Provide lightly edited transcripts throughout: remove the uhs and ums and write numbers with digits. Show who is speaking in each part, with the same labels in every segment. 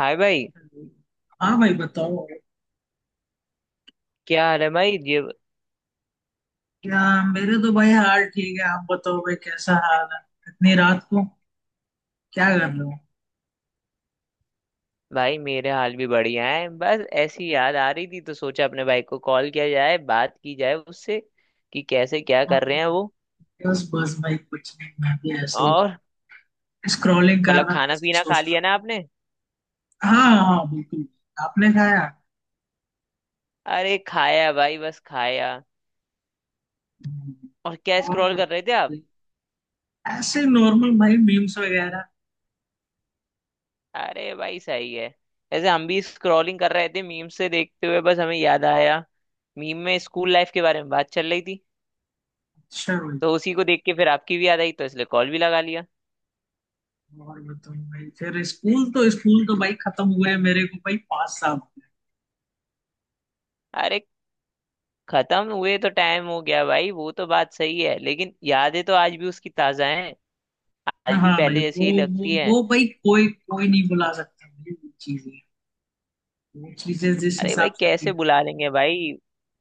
Speaker 1: हाय भाई।
Speaker 2: हाँ भाई, बताओ।
Speaker 1: क्या हाल है भाई ये।
Speaker 2: क्या? मेरे तो भाई हाल ठीक है। आप बताओ भाई, कैसा हाल है? इतनी रात को क्या कर रहे हो?
Speaker 1: भाई मेरे हाल भी बढ़िया है, बस ऐसी याद आ रही थी तो सोचा अपने भाई को कॉल किया जाए, बात की जाए उससे कि कैसे क्या
Speaker 2: हाँ,
Speaker 1: कर रहे हैं वो।
Speaker 2: बस बस भाई कुछ नहीं, मैं भी ऐसे ही
Speaker 1: और
Speaker 2: स्क्रॉलिंग कर
Speaker 1: मतलब
Speaker 2: रहा था,
Speaker 1: खाना
Speaker 2: ऐसे ही
Speaker 1: पीना खा
Speaker 2: सोच
Speaker 1: लिया
Speaker 2: रहा
Speaker 1: ना आपने?
Speaker 2: था। हाँ हाँ, बिल्कुल। आपने खाया?
Speaker 1: अरे खाया भाई, बस खाया।
Speaker 2: हम्म।
Speaker 1: और क्या
Speaker 2: और
Speaker 1: स्क्रॉल कर रहे थे
Speaker 2: बताओ,
Speaker 1: आप?
Speaker 2: ऐसे नॉर्मल भाई मीम्स वगैरह
Speaker 1: अरे भाई सही है। ऐसे हम भी स्क्रॉलिंग कर रहे थे, मीम से देखते हुए, बस हमें याद आया। मीम में स्कूल लाइफ के बारे में बात चल रही थी
Speaker 2: शेयर हुई।
Speaker 1: तो उसी को देख के फिर आपकी भी याद आई तो इसलिए कॉल भी लगा लिया।
Speaker 2: और बताओ भाई, फिर स्कूल। तो भाई खत्म हुआ है मेरे को भाई 5 साल।
Speaker 1: अरे खत्म हुए तो टाइम हो गया भाई, वो तो बात सही है, लेकिन यादें तो आज भी उसकी ताजा हैं। आज भी
Speaker 2: हाँ भाई,
Speaker 1: पहले
Speaker 2: वो
Speaker 1: जैसी ही
Speaker 2: वो
Speaker 1: लगती हैं।
Speaker 2: वो भाई कोई कोई नहीं बुला सकता भाई। वो चीजें जिस
Speaker 1: अरे भाई
Speaker 2: हिसाब से
Speaker 1: कैसे
Speaker 2: थी।
Speaker 1: भुला लेंगे भाई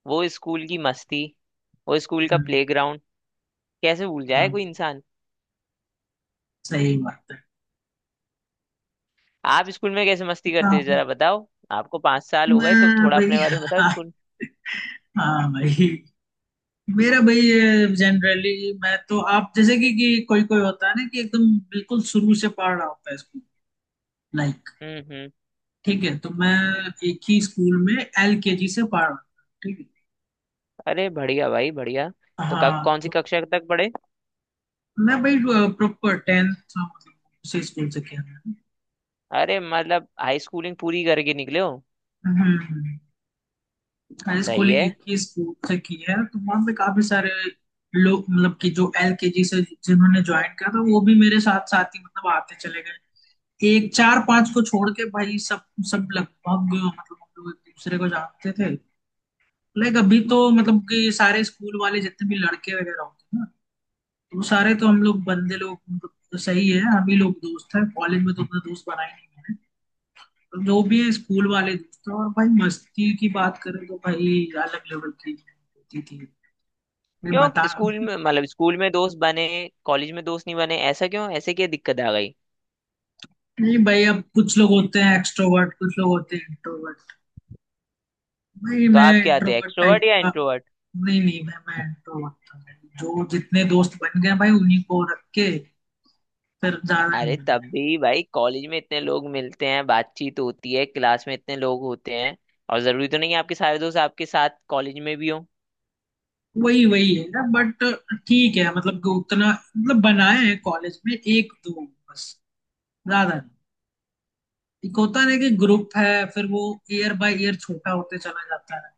Speaker 1: वो स्कूल की मस्ती, वो स्कूल का
Speaker 2: हाँ,
Speaker 1: प्लेग्राउंड। कैसे भूल जाए
Speaker 2: हाँ,
Speaker 1: कोई इंसान।
Speaker 2: सही बात है।
Speaker 1: आप स्कूल में कैसे मस्ती करते थे
Speaker 2: हाँ,
Speaker 1: जरा बताओ। आपको 5 साल हो गए तो
Speaker 2: मैं
Speaker 1: थोड़ा
Speaker 2: भाई
Speaker 1: अपने बारे में बताओ
Speaker 2: हाँ
Speaker 1: स्कूल।
Speaker 2: हाँ भाई मेरा भाई जनरली। मैं तो आप जैसे कि कोई कोई होता है ना, कि एकदम बिल्कुल शुरू से पढ़ रहा होता है स्कूल, लाइक,
Speaker 1: हम्म।
Speaker 2: ठीक है। तो मैं एक ही स्कूल में एल के जी से पढ़ रहा था, ठीक
Speaker 1: अरे बढ़िया भाई बढ़िया।
Speaker 2: है।
Speaker 1: तो
Speaker 2: हाँ,
Speaker 1: कौन सी
Speaker 2: तो
Speaker 1: कक्षा तक पढ़े?
Speaker 2: मैं भाई प्रॉपर टेंथ, मतलब उसी स्कूल से किया मैंने।
Speaker 1: अरे मतलब हाई स्कूलिंग पूरी करके निकले हो।
Speaker 2: हम्म। मैंने
Speaker 1: सही
Speaker 2: स्कूलिंग
Speaker 1: है।
Speaker 2: 21 स्कूल से की है, तो वहाँ पे काफी सारे लोग, मतलब कि जो एलकेजी से जिन्होंने ज्वाइन किया था, वो भी मेरे साथ साथ ही मतलब आते चले गए। एक चार पांच को छोड़ के भाई सब, सब लगभग, मतलब हम लोग एक दूसरे को जानते थे। लाइक अभी तो, मतलब कि सारे स्कूल वाले जितने भी लड़के वगैरह होते हैं ना, तो वो सारे तो हम लोग, बंदे लोग मतलब, तो सही है, हम ही लोग दोस्त हैं। कॉलेज में तो अपने दोस्त बनाए नहीं मैंने। तो जो भी है, स्कूल वाले दोस्त हैं, और भाई मस्ती की बात करें तो भाई अलग लेवल की होती थी। मैं
Speaker 1: क्यों?
Speaker 2: बता।
Speaker 1: स्कूल में मतलब स्कूल में दोस्त बने, कॉलेज में दोस्त नहीं बने, ऐसा क्यों, ऐसे क्या दिक्कत आ गई?
Speaker 2: नहीं भाई, अब कुछ लोग होते हैं एक्सट्रोवर्ट, कुछ लोग होते हैं इंट्रोवर्ट। भाई
Speaker 1: तो
Speaker 2: मैं
Speaker 1: आप क्या थे,
Speaker 2: इंट्रोवर्ट टाइप
Speaker 1: एक्सट्रोवर्ट या
Speaker 2: का।
Speaker 1: इंट्रोवर्ट?
Speaker 2: नहीं नहीं, मैं इंट्रोवर्ट था भाई। जो जितने दोस्त बन गए भाई, उन्हीं को रख के फिर ज्यादा नहीं
Speaker 1: अरे तब
Speaker 2: बनाया।
Speaker 1: भी भाई कॉलेज में इतने लोग मिलते हैं, बातचीत होती है, क्लास में इतने लोग होते हैं और जरूरी तो नहीं है आपके सारे दोस्त आपके साथ कॉलेज में भी हो।
Speaker 2: वही वही है ना। बट ठीक है, मतलब कि उतना, मतलब बनाए हैं कॉलेज में एक दो बस, ज्यादा नहीं। एक होता है ना, कि ग्रुप है, फिर वो ईयर बाय ईयर छोटा होते चला जाता है।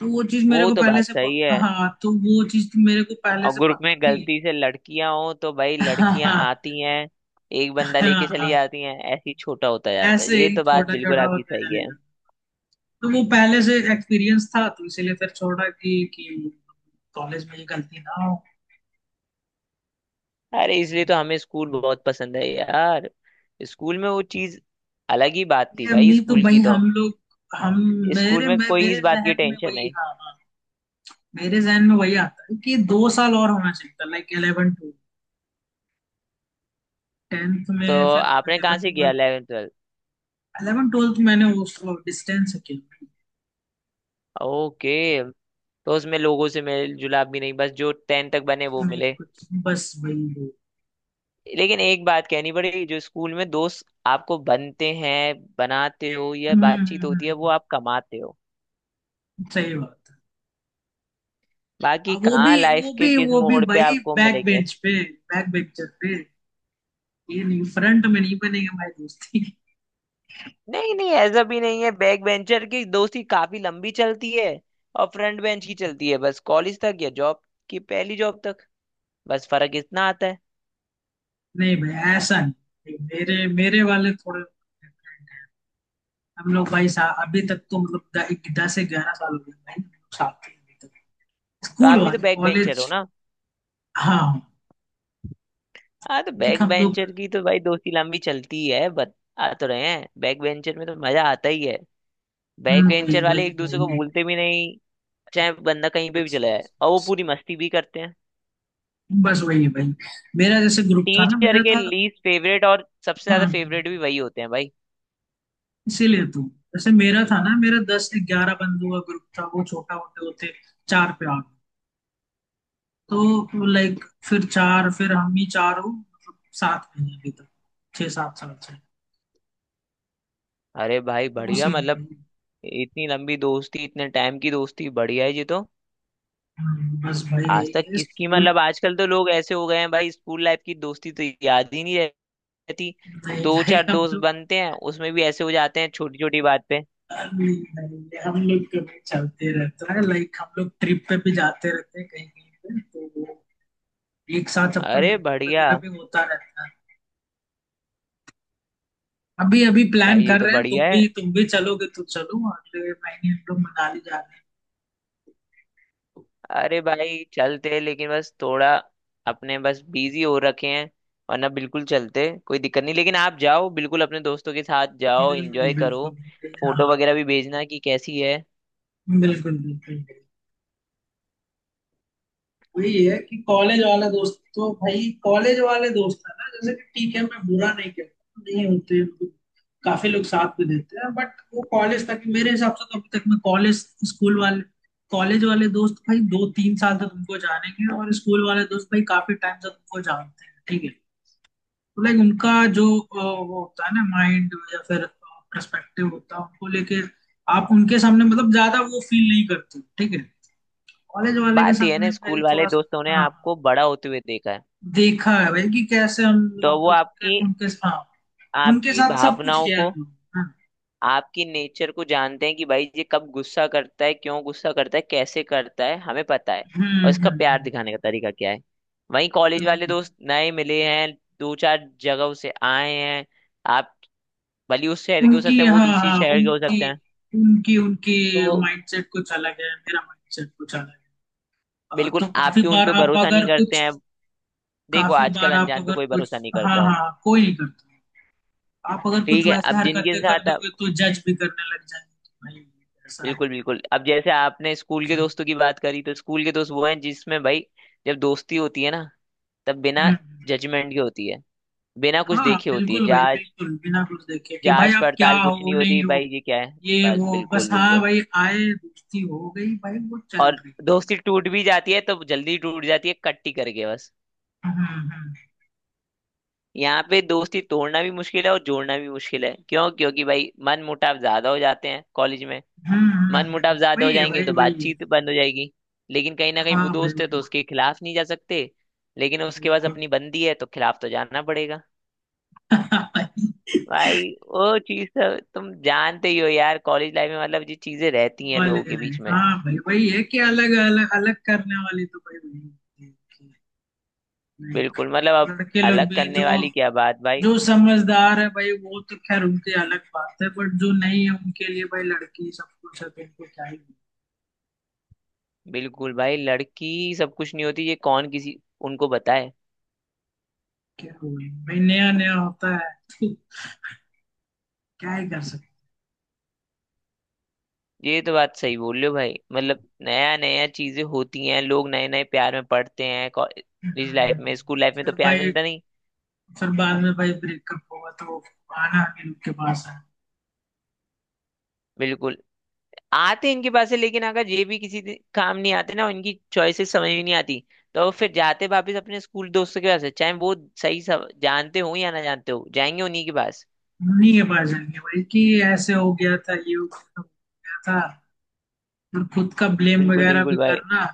Speaker 2: तो वो चीज मेरे
Speaker 1: वो
Speaker 2: को
Speaker 1: तो
Speaker 2: पहले
Speaker 1: बात
Speaker 2: से
Speaker 1: सही है।
Speaker 2: हाँ, तो वो चीज तो मेरे को पहले
Speaker 1: और
Speaker 2: से
Speaker 1: ग्रुप
Speaker 2: पता
Speaker 1: में
Speaker 2: थी।
Speaker 1: गलती से लड़कियां हो तो भाई लड़कियां आती हैं एक बंदा लेके चली
Speaker 2: हाँ,
Speaker 1: जाती हैं, ऐसे ही छोटा होता जाता है,
Speaker 2: ऐसे
Speaker 1: ये
Speaker 2: ही
Speaker 1: तो बात
Speaker 2: छोटा
Speaker 1: बिल्कुल
Speaker 2: छोटा
Speaker 1: आपकी
Speaker 2: होते
Speaker 1: सही
Speaker 2: चले
Speaker 1: है।
Speaker 2: जाते। तो वो पहले से एक्सपीरियंस था, तो इसीलिए फिर छोड़ा कि कॉलेज में ये गलती ना हो।
Speaker 1: अरे इसलिए तो हमें स्कूल बहुत पसंद है यार। स्कूल में वो चीज अलग ही बात थी
Speaker 2: ये
Speaker 1: भाई
Speaker 2: अभी तो
Speaker 1: स्कूल
Speaker 2: भाई
Speaker 1: की तो।
Speaker 2: हम लोग, हम
Speaker 1: स्कूल
Speaker 2: मेरे
Speaker 1: में
Speaker 2: मैं
Speaker 1: कोई
Speaker 2: मेरे
Speaker 1: इस बात की
Speaker 2: जहन में
Speaker 1: टेंशन
Speaker 2: वही,
Speaker 1: नहीं।
Speaker 2: हाँ हाँ, मेरे जहन में वही आता है कि 2 साल और होना चाहिए था, लाइक 11 टू 10th
Speaker 1: तो
Speaker 2: में। फिर
Speaker 1: आपने कहाँ
Speaker 2: 11
Speaker 1: से किया
Speaker 2: ट्वेल्थ,
Speaker 1: 11th ट्वेल्थ?
Speaker 2: 11 ट्वेल्थ मैंने वो डिस्टेंस से किया।
Speaker 1: ओके। तो उसमें लोगों से मेल जुलाप भी नहीं, बस जो 10 तक बने वो
Speaker 2: नहीं,
Speaker 1: मिले।
Speaker 2: कुछ बस वही वो।
Speaker 1: लेकिन एक बात कहनी पड़ेगी, जो स्कूल में दोस्त आपको बनते हैं, बनाते हो या
Speaker 2: हम्म हम्म,
Speaker 1: बातचीत
Speaker 2: हम्म,
Speaker 1: होती है वो आप कमाते हो।
Speaker 2: सही बात।
Speaker 1: बाकी
Speaker 2: अब
Speaker 1: कहाँ लाइफ के किस
Speaker 2: वो भी
Speaker 1: मोड़ पे
Speaker 2: भाई
Speaker 1: आपको
Speaker 2: बैक
Speaker 1: मिलेंगे?
Speaker 2: बेंच पे, बैक बेंचर पे। ये नहीं, फ्रंट में नहीं बनेगा भाई दोस्ती।
Speaker 1: नहीं नहीं, ऐसा भी नहीं है, बैक बेंचर की दोस्ती काफी लंबी चलती है। और फ्रंट बेंच की चलती है बस कॉलेज तक या जॉब की पहली जॉब तक। बस फर्क इतना आता है।
Speaker 2: नहीं भाई ऐसा नहीं, मेरे मेरे वाले थोड़े different हैं। हम लोग भाई, सा अभी तक तो मतलब 10 से 11 साल हो गए भाई, हम लोग साथ ही अभी तक,
Speaker 1: तो
Speaker 2: स्कूल
Speaker 1: आप भी तो
Speaker 2: वाले,
Speaker 1: बैक बेंचर
Speaker 2: कॉलेज।
Speaker 1: हो ना।
Speaker 2: हाँ।
Speaker 1: हाँ, तो
Speaker 2: लाइक
Speaker 1: बैक
Speaker 2: हम लोग
Speaker 1: बेंचर की तो भाई दोस्ती लंबी चलती है, बता तो रहे हैं, बैक बेंचर में तो मजा आता ही है। बैक
Speaker 2: वही
Speaker 1: बेंचर वाले
Speaker 2: वही
Speaker 1: एक
Speaker 2: वही।
Speaker 1: दूसरे को भूलते भी नहीं, चाहे बंदा कहीं पे भी
Speaker 2: बस
Speaker 1: चला जाए,
Speaker 2: बस
Speaker 1: और वो
Speaker 2: बस
Speaker 1: पूरी मस्ती भी करते हैं।
Speaker 2: बस वही है भाई। मेरा जैसे ग्रुप था ना,
Speaker 1: टीचर
Speaker 2: मेरा
Speaker 1: के
Speaker 2: था।
Speaker 1: लीस्ट फेवरेट और सबसे
Speaker 2: हाँ
Speaker 1: ज्यादा
Speaker 2: हाँ,
Speaker 1: फेवरेट भी वही होते हैं भाई।
Speaker 2: इसीलिए तो। जैसे मेरा था ना, मेरा 10 से 11 बंदों का ग्रुप था, वो छोटा होते होते चार पे आ गया। तो लाइक, फिर चार, फिर हम ही चार, हो मतलब 7 महीने अभी तक, 6-7 साल से।
Speaker 1: अरे भाई
Speaker 2: वो
Speaker 1: बढ़िया,
Speaker 2: सीन है
Speaker 1: मतलब
Speaker 2: भाई।
Speaker 1: इतनी लंबी दोस्ती, इतने टाइम की दोस्ती बढ़िया है जी तो।
Speaker 2: बस भाई यही
Speaker 1: आज तक
Speaker 2: है
Speaker 1: किसकी
Speaker 2: स्कूल।
Speaker 1: मतलब आजकल तो लोग ऐसे हो गए हैं भाई, स्कूल लाइफ की दोस्ती तो याद ही नहीं रहती।
Speaker 2: नहीं
Speaker 1: दो
Speaker 2: भाई
Speaker 1: चार
Speaker 2: हम
Speaker 1: दोस्त
Speaker 2: लोग,
Speaker 1: बनते हैं उसमें भी ऐसे हो जाते हैं छोटी छोटी बात पे।
Speaker 2: नहीं भाई हम लोग कभी, चलते रहता है, लाइक हम लोग ट्रिप पे भी जाते रहते हैं कहीं कहीं पे, तो वो एक साथ सबका
Speaker 1: अरे
Speaker 2: मीटअप
Speaker 1: बढ़िया।
Speaker 2: वगैरह भी होता रहता है। अभी अभी प्लान
Speaker 1: भाई ये
Speaker 2: कर
Speaker 1: तो
Speaker 2: रहे हैं,
Speaker 1: बढ़िया है।
Speaker 2: तुम भी चलोगे तो चलो, अगले महीने हम लोग मनाली जा रहे
Speaker 1: अरे भाई चलते हैं लेकिन बस थोड़ा अपने बस बिजी हो रखे हैं, वरना बिल्कुल चलते, कोई दिक्कत नहीं, लेकिन आप जाओ, बिल्कुल अपने दोस्तों के साथ
Speaker 2: हैं।
Speaker 1: जाओ, एंजॉय
Speaker 2: बिल्कुल
Speaker 1: करो।
Speaker 2: बिल्कुल,
Speaker 1: फोटो
Speaker 2: हाँ।
Speaker 1: वगैरह भी भेजना कि कैसी है।
Speaker 2: बिल्कुल बिल्कुल बिल्कुल। वही है कि कॉलेज वाले दोस्त, तो भाई कॉलेज वाले दोस्त है ना, जैसे कि ठीक है, मैं बुरा नहीं कहता, नहीं होते तो काफी लोग साथ में देते हैं, बट वो कॉलेज तक, मेरे हिसाब से तो अभी तक मैं। कॉलेज, स्कूल वाले, कॉलेज वाले दोस्त भाई 2-3 साल तो तुमको जानेंगे, और स्कूल वाले दोस्त भाई काफी टाइम से तुमको जानते हैं, ठीक है? लाइक उनका जो वो होता है ना माइंड, या फिर पर्सपेक्टिव होता है उनको लेके, आप उनके सामने मतलब ज्यादा वो फील नहीं करते हो, ठीक है? कॉलेज वाले के
Speaker 1: बात यह है
Speaker 2: सामने
Speaker 1: ना,
Speaker 2: भाई
Speaker 1: स्कूल वाले
Speaker 2: थोड़ा सा।
Speaker 1: दोस्तों ने
Speaker 2: हाँ हाँ,
Speaker 1: आपको बड़ा होते हुए देखा है,
Speaker 2: देखा है भाई कि कैसे हम, हम
Speaker 1: तो
Speaker 2: लोग
Speaker 1: वो आपकी
Speaker 2: उनके, हाँ, उनके
Speaker 1: आपकी
Speaker 2: साथ सब कुछ
Speaker 1: भावनाओं
Speaker 2: किया है
Speaker 1: को,
Speaker 2: हम लोगों ने, हाँ।
Speaker 1: आपकी नेचर को जानते हैं कि भाई ये कब गुस्सा करता है, क्यों गुस्सा करता है, कैसे करता है, हमें पता है, और इसका प्यार
Speaker 2: हम्म,
Speaker 1: दिखाने का तरीका क्या है। वहीं कॉलेज
Speaker 2: हम्म,
Speaker 1: वाले
Speaker 2: हम्म।
Speaker 1: दोस्त नए मिले हैं, दो चार जगहों से आए हैं। आप भले उस शहर के हो सकते
Speaker 2: उनकी,
Speaker 1: हैं, वो
Speaker 2: हाँ
Speaker 1: दूसरी
Speaker 2: हाँ,
Speaker 1: शहर के हो
Speaker 2: उनकी
Speaker 1: सकते हैं,
Speaker 2: उनकी उनकी
Speaker 1: तो
Speaker 2: माइंडसेट कुछ अलग है, मेरा माइंडसेट कुछ अलग है।
Speaker 1: बिल्कुल
Speaker 2: तो
Speaker 1: आप
Speaker 2: काफी
Speaker 1: भी उन
Speaker 2: बार
Speaker 1: पे
Speaker 2: आप
Speaker 1: भरोसा नहीं
Speaker 2: अगर
Speaker 1: करते
Speaker 2: कुछ,
Speaker 1: हैं। देखो
Speaker 2: काफी
Speaker 1: आजकल
Speaker 2: बार आप
Speaker 1: अनजान पे
Speaker 2: अगर
Speaker 1: कोई
Speaker 2: कुछ,
Speaker 1: भरोसा नहीं
Speaker 2: हाँ
Speaker 1: करता है।
Speaker 2: हाँ, कोई नहीं करता है। आप अगर कुछ
Speaker 1: ठीक है,
Speaker 2: वैसे
Speaker 1: अब जिनके
Speaker 2: हरकतें कर
Speaker 1: साथ आप
Speaker 2: दोगे, तो जज भी करने लग जाएंगे कि भाई ये ऐसा है।
Speaker 1: बिल्कुल बिल्कुल, अब जैसे आपने स्कूल के दोस्तों की बात करी तो स्कूल के दोस्त वो हैं जिसमें भाई जब दोस्ती होती है ना तब बिना
Speaker 2: हम्म।
Speaker 1: जजमेंट के होती है, बिना कुछ
Speaker 2: हाँ
Speaker 1: देखे होती है।
Speaker 2: बिल्कुल भाई
Speaker 1: जांच
Speaker 2: बिल्कुल, बिना कुछ देखे कि भाई
Speaker 1: जांच
Speaker 2: आप क्या
Speaker 1: पड़ताल कुछ
Speaker 2: हो,
Speaker 1: नहीं
Speaker 2: नहीं
Speaker 1: होती भाई,
Speaker 2: हो,
Speaker 1: ये क्या है,
Speaker 2: ये
Speaker 1: बस
Speaker 2: वो बस,
Speaker 1: बिल्कुल
Speaker 2: हाँ
Speaker 1: बिल्कुल।
Speaker 2: भाई, आए दोस्ती हो गई भाई, वो चल
Speaker 1: और
Speaker 2: रही।
Speaker 1: दोस्ती टूट भी जाती है तो जल्दी टूट जाती है, कट्टी करके बस।
Speaker 2: हम्म,
Speaker 1: यहाँ पे दोस्ती तोड़ना भी मुश्किल है और जोड़ना भी मुश्किल है, क्यों, क्योंकि भाई मन मुटाव ज्यादा हो जाते हैं कॉलेज में। मन मुटाव ज्यादा हो
Speaker 2: वही है
Speaker 1: जाएंगे
Speaker 2: भाई
Speaker 1: तो
Speaker 2: वही है।
Speaker 1: बातचीत बंद हो जाएगी। लेकिन कहीं ना कहीं
Speaker 2: हाँ
Speaker 1: वो
Speaker 2: भाई
Speaker 1: दोस्त है तो
Speaker 2: वही।
Speaker 1: उसके खिलाफ नहीं जा सकते। लेकिन उसके पास
Speaker 2: बिल्कुल।
Speaker 1: अपनी बंदी है तो खिलाफ तो जाना पड़ेगा। भाई वो चीज तो तुम जानते ही हो यार, कॉलेज लाइफ में मतलब ये चीजें रहती हैं लोगों
Speaker 2: कॉलेज
Speaker 1: के बीच
Speaker 2: लाइफ,
Speaker 1: में।
Speaker 2: हाँ भाई वही है कि अलग अलग, अलग करने वाली तो भाई वही होती है। नहीं।
Speaker 1: बिल्कुल, मतलब
Speaker 2: और
Speaker 1: अब।
Speaker 2: लड़के लोग
Speaker 1: अलग
Speaker 2: भी जो,
Speaker 1: करने वाली क्या बात भाई?
Speaker 2: जो समझदार है भाई वो तो खैर उनकी अलग बात है, बट जो नहीं है उनके लिए भाई लड़की सब कुछ है, तो उनको क्या ही।
Speaker 1: बिल्कुल भाई, लड़की सब कुछ नहीं होती, ये कौन किसी उनको बताए।
Speaker 2: क्या हुए भाई, नया नया होता है, क्या ही कर सकते
Speaker 1: ये तो बात सही बोल रहे हो भाई, मतलब नया नया चीजें होती हैं, लोग नए नए प्यार में पड़ते हैं कॉलेज लाइफ
Speaker 2: हैं।
Speaker 1: में, स्कूल लाइफ में तो
Speaker 2: फिर
Speaker 1: प्यार
Speaker 2: भाई,
Speaker 1: मिलता नहीं है।
Speaker 2: फिर बाद में भाई ब्रेकअप हुआ तो आना भी उनके पास है,
Speaker 1: बिल्कुल, आते इनके पास है, लेकिन अगर ये भी किसी काम नहीं आते ना, इनकी चॉइसेस समझ में नहीं आती, तो वो फिर जाते वापस अपने स्कूल दोस्तों के पास है, चाहे वो सही सब जानते हो या ना जानते हो, जाएंगे उन्हीं के पास।
Speaker 2: उन्हीं के पास जाएंगे भाई, कि ऐसे हो गया था, ये हो गया था, वो हो गया था, और खुद का ब्लेम
Speaker 1: बिल्कुल
Speaker 2: वगैरह भी
Speaker 1: बिल्कुल भाई,
Speaker 2: करना।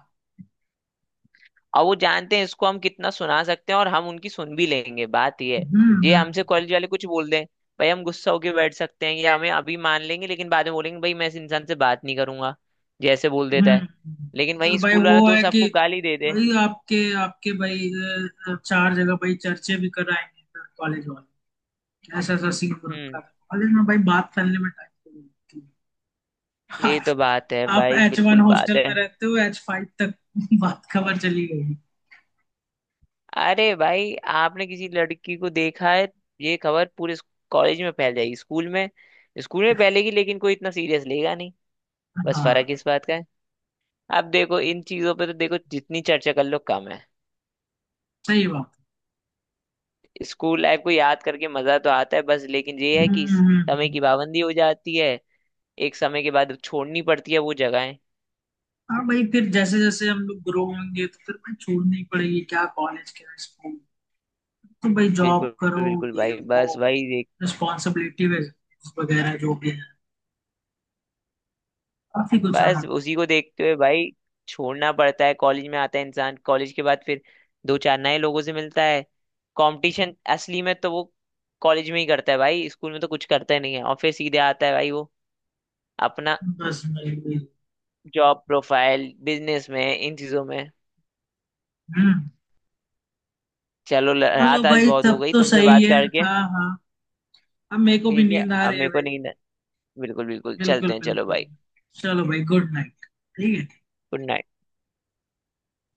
Speaker 1: और वो जानते हैं इसको हम कितना सुना सकते हैं और हम उनकी सुन भी लेंगे, बात ये है। ये
Speaker 2: हम्म,
Speaker 1: हमसे कॉलेज वाले कुछ बोल दें, भाई हम गुस्सा होके बैठ सकते हैं या हमें अभी मान लेंगे लेकिन बाद में बोलेंगे भाई मैं इस इंसान से बात नहीं करूंगा, जैसे बोल देता है।
Speaker 2: हम्म।
Speaker 1: लेकिन
Speaker 2: और
Speaker 1: वही
Speaker 2: भाई
Speaker 1: स्कूल
Speaker 2: वो
Speaker 1: वाला
Speaker 2: है
Speaker 1: दोस्त
Speaker 2: कि
Speaker 1: आपको गाली दे दे।
Speaker 2: भाई आपके आपके भाई चार जगह भाई चर्चे भी कराएंगे फिर कॉलेज वाले। ऐसा ऐसा सीन हो रखा
Speaker 1: हम्म।
Speaker 2: था कॉलेज में भाई, बात करने में टाइम लगती है,
Speaker 1: ये
Speaker 2: आप।
Speaker 1: तो बात है
Speaker 2: आप
Speaker 1: भाई,
Speaker 2: H1
Speaker 1: बिल्कुल बात
Speaker 2: हॉस्टल
Speaker 1: है।
Speaker 2: में रहते हो, H5 तक बात खबर चली गई।
Speaker 1: अरे भाई आपने किसी लड़की को देखा है, ये खबर पूरे कॉलेज में फैल जाएगी। स्कूल में, स्कूल में फैलेगी लेकिन कोई इतना सीरियस लेगा नहीं, बस
Speaker 2: हाँ,
Speaker 1: फर्क इस बात का है। अब देखो इन चीजों पे तो देखो जितनी चर्चा कर लो कम है।
Speaker 2: सही बात।
Speaker 1: स्कूल लाइफ को याद करके मजा तो आता है बस, लेकिन ये है
Speaker 2: हम्म
Speaker 1: कि
Speaker 2: हम्म,
Speaker 1: समय
Speaker 2: हम्म।
Speaker 1: की पाबंदी हो जाती है। एक समय के बाद छोड़नी पड़ती है वो जगहें।
Speaker 2: हाँ भाई, फिर जैसे जैसे हम लोग ग्रो होंगे तो फिर भाई छोड़नी पड़ेगी, क्या कॉलेज क्या स्कूल, तो भाई जॉब
Speaker 1: बिल्कुल
Speaker 2: करो,
Speaker 1: बिल्कुल
Speaker 2: ये
Speaker 1: भाई,
Speaker 2: वो
Speaker 1: बस भाई,
Speaker 2: रिस्पॉन्सिबिलिटी वगैरह जो भी है, काफी कुछ।
Speaker 1: बस
Speaker 2: हाँ,
Speaker 1: उसी को देखते हुए भाई छोड़ना पड़ता है। कॉलेज में आता है इंसान, कॉलेज के बाद फिर दो चार नए लोगों से मिलता है। कंपटीशन असली में तो वो कॉलेज में ही करता है भाई, स्कूल में तो कुछ करता ही नहीं है, और फिर सीधे आता है भाई वो अपना
Speaker 2: पर्सनली।
Speaker 1: जॉब प्रोफाइल, बिजनेस में, इन चीजों में।
Speaker 2: हम्म।
Speaker 1: चलो
Speaker 2: चलो
Speaker 1: रात आज
Speaker 2: भाई
Speaker 1: बहुत हो
Speaker 2: तब
Speaker 1: गई
Speaker 2: तो
Speaker 1: तुमसे
Speaker 2: सही
Speaker 1: बात
Speaker 2: है।
Speaker 1: करके।
Speaker 2: हाँ हाँ, अब मेरे को भी
Speaker 1: ठीक है
Speaker 2: नींद आ
Speaker 1: अब
Speaker 2: रही है
Speaker 1: मेरे को
Speaker 2: भाई।
Speaker 1: नींद है। बिल्कुल बिल्कुल
Speaker 2: बिल्कुल
Speaker 1: चलते हैं, चलो
Speaker 2: बिल्कुल,
Speaker 1: भाई।
Speaker 2: चलो भाई गुड नाइट। ठीक है।
Speaker 1: Good night.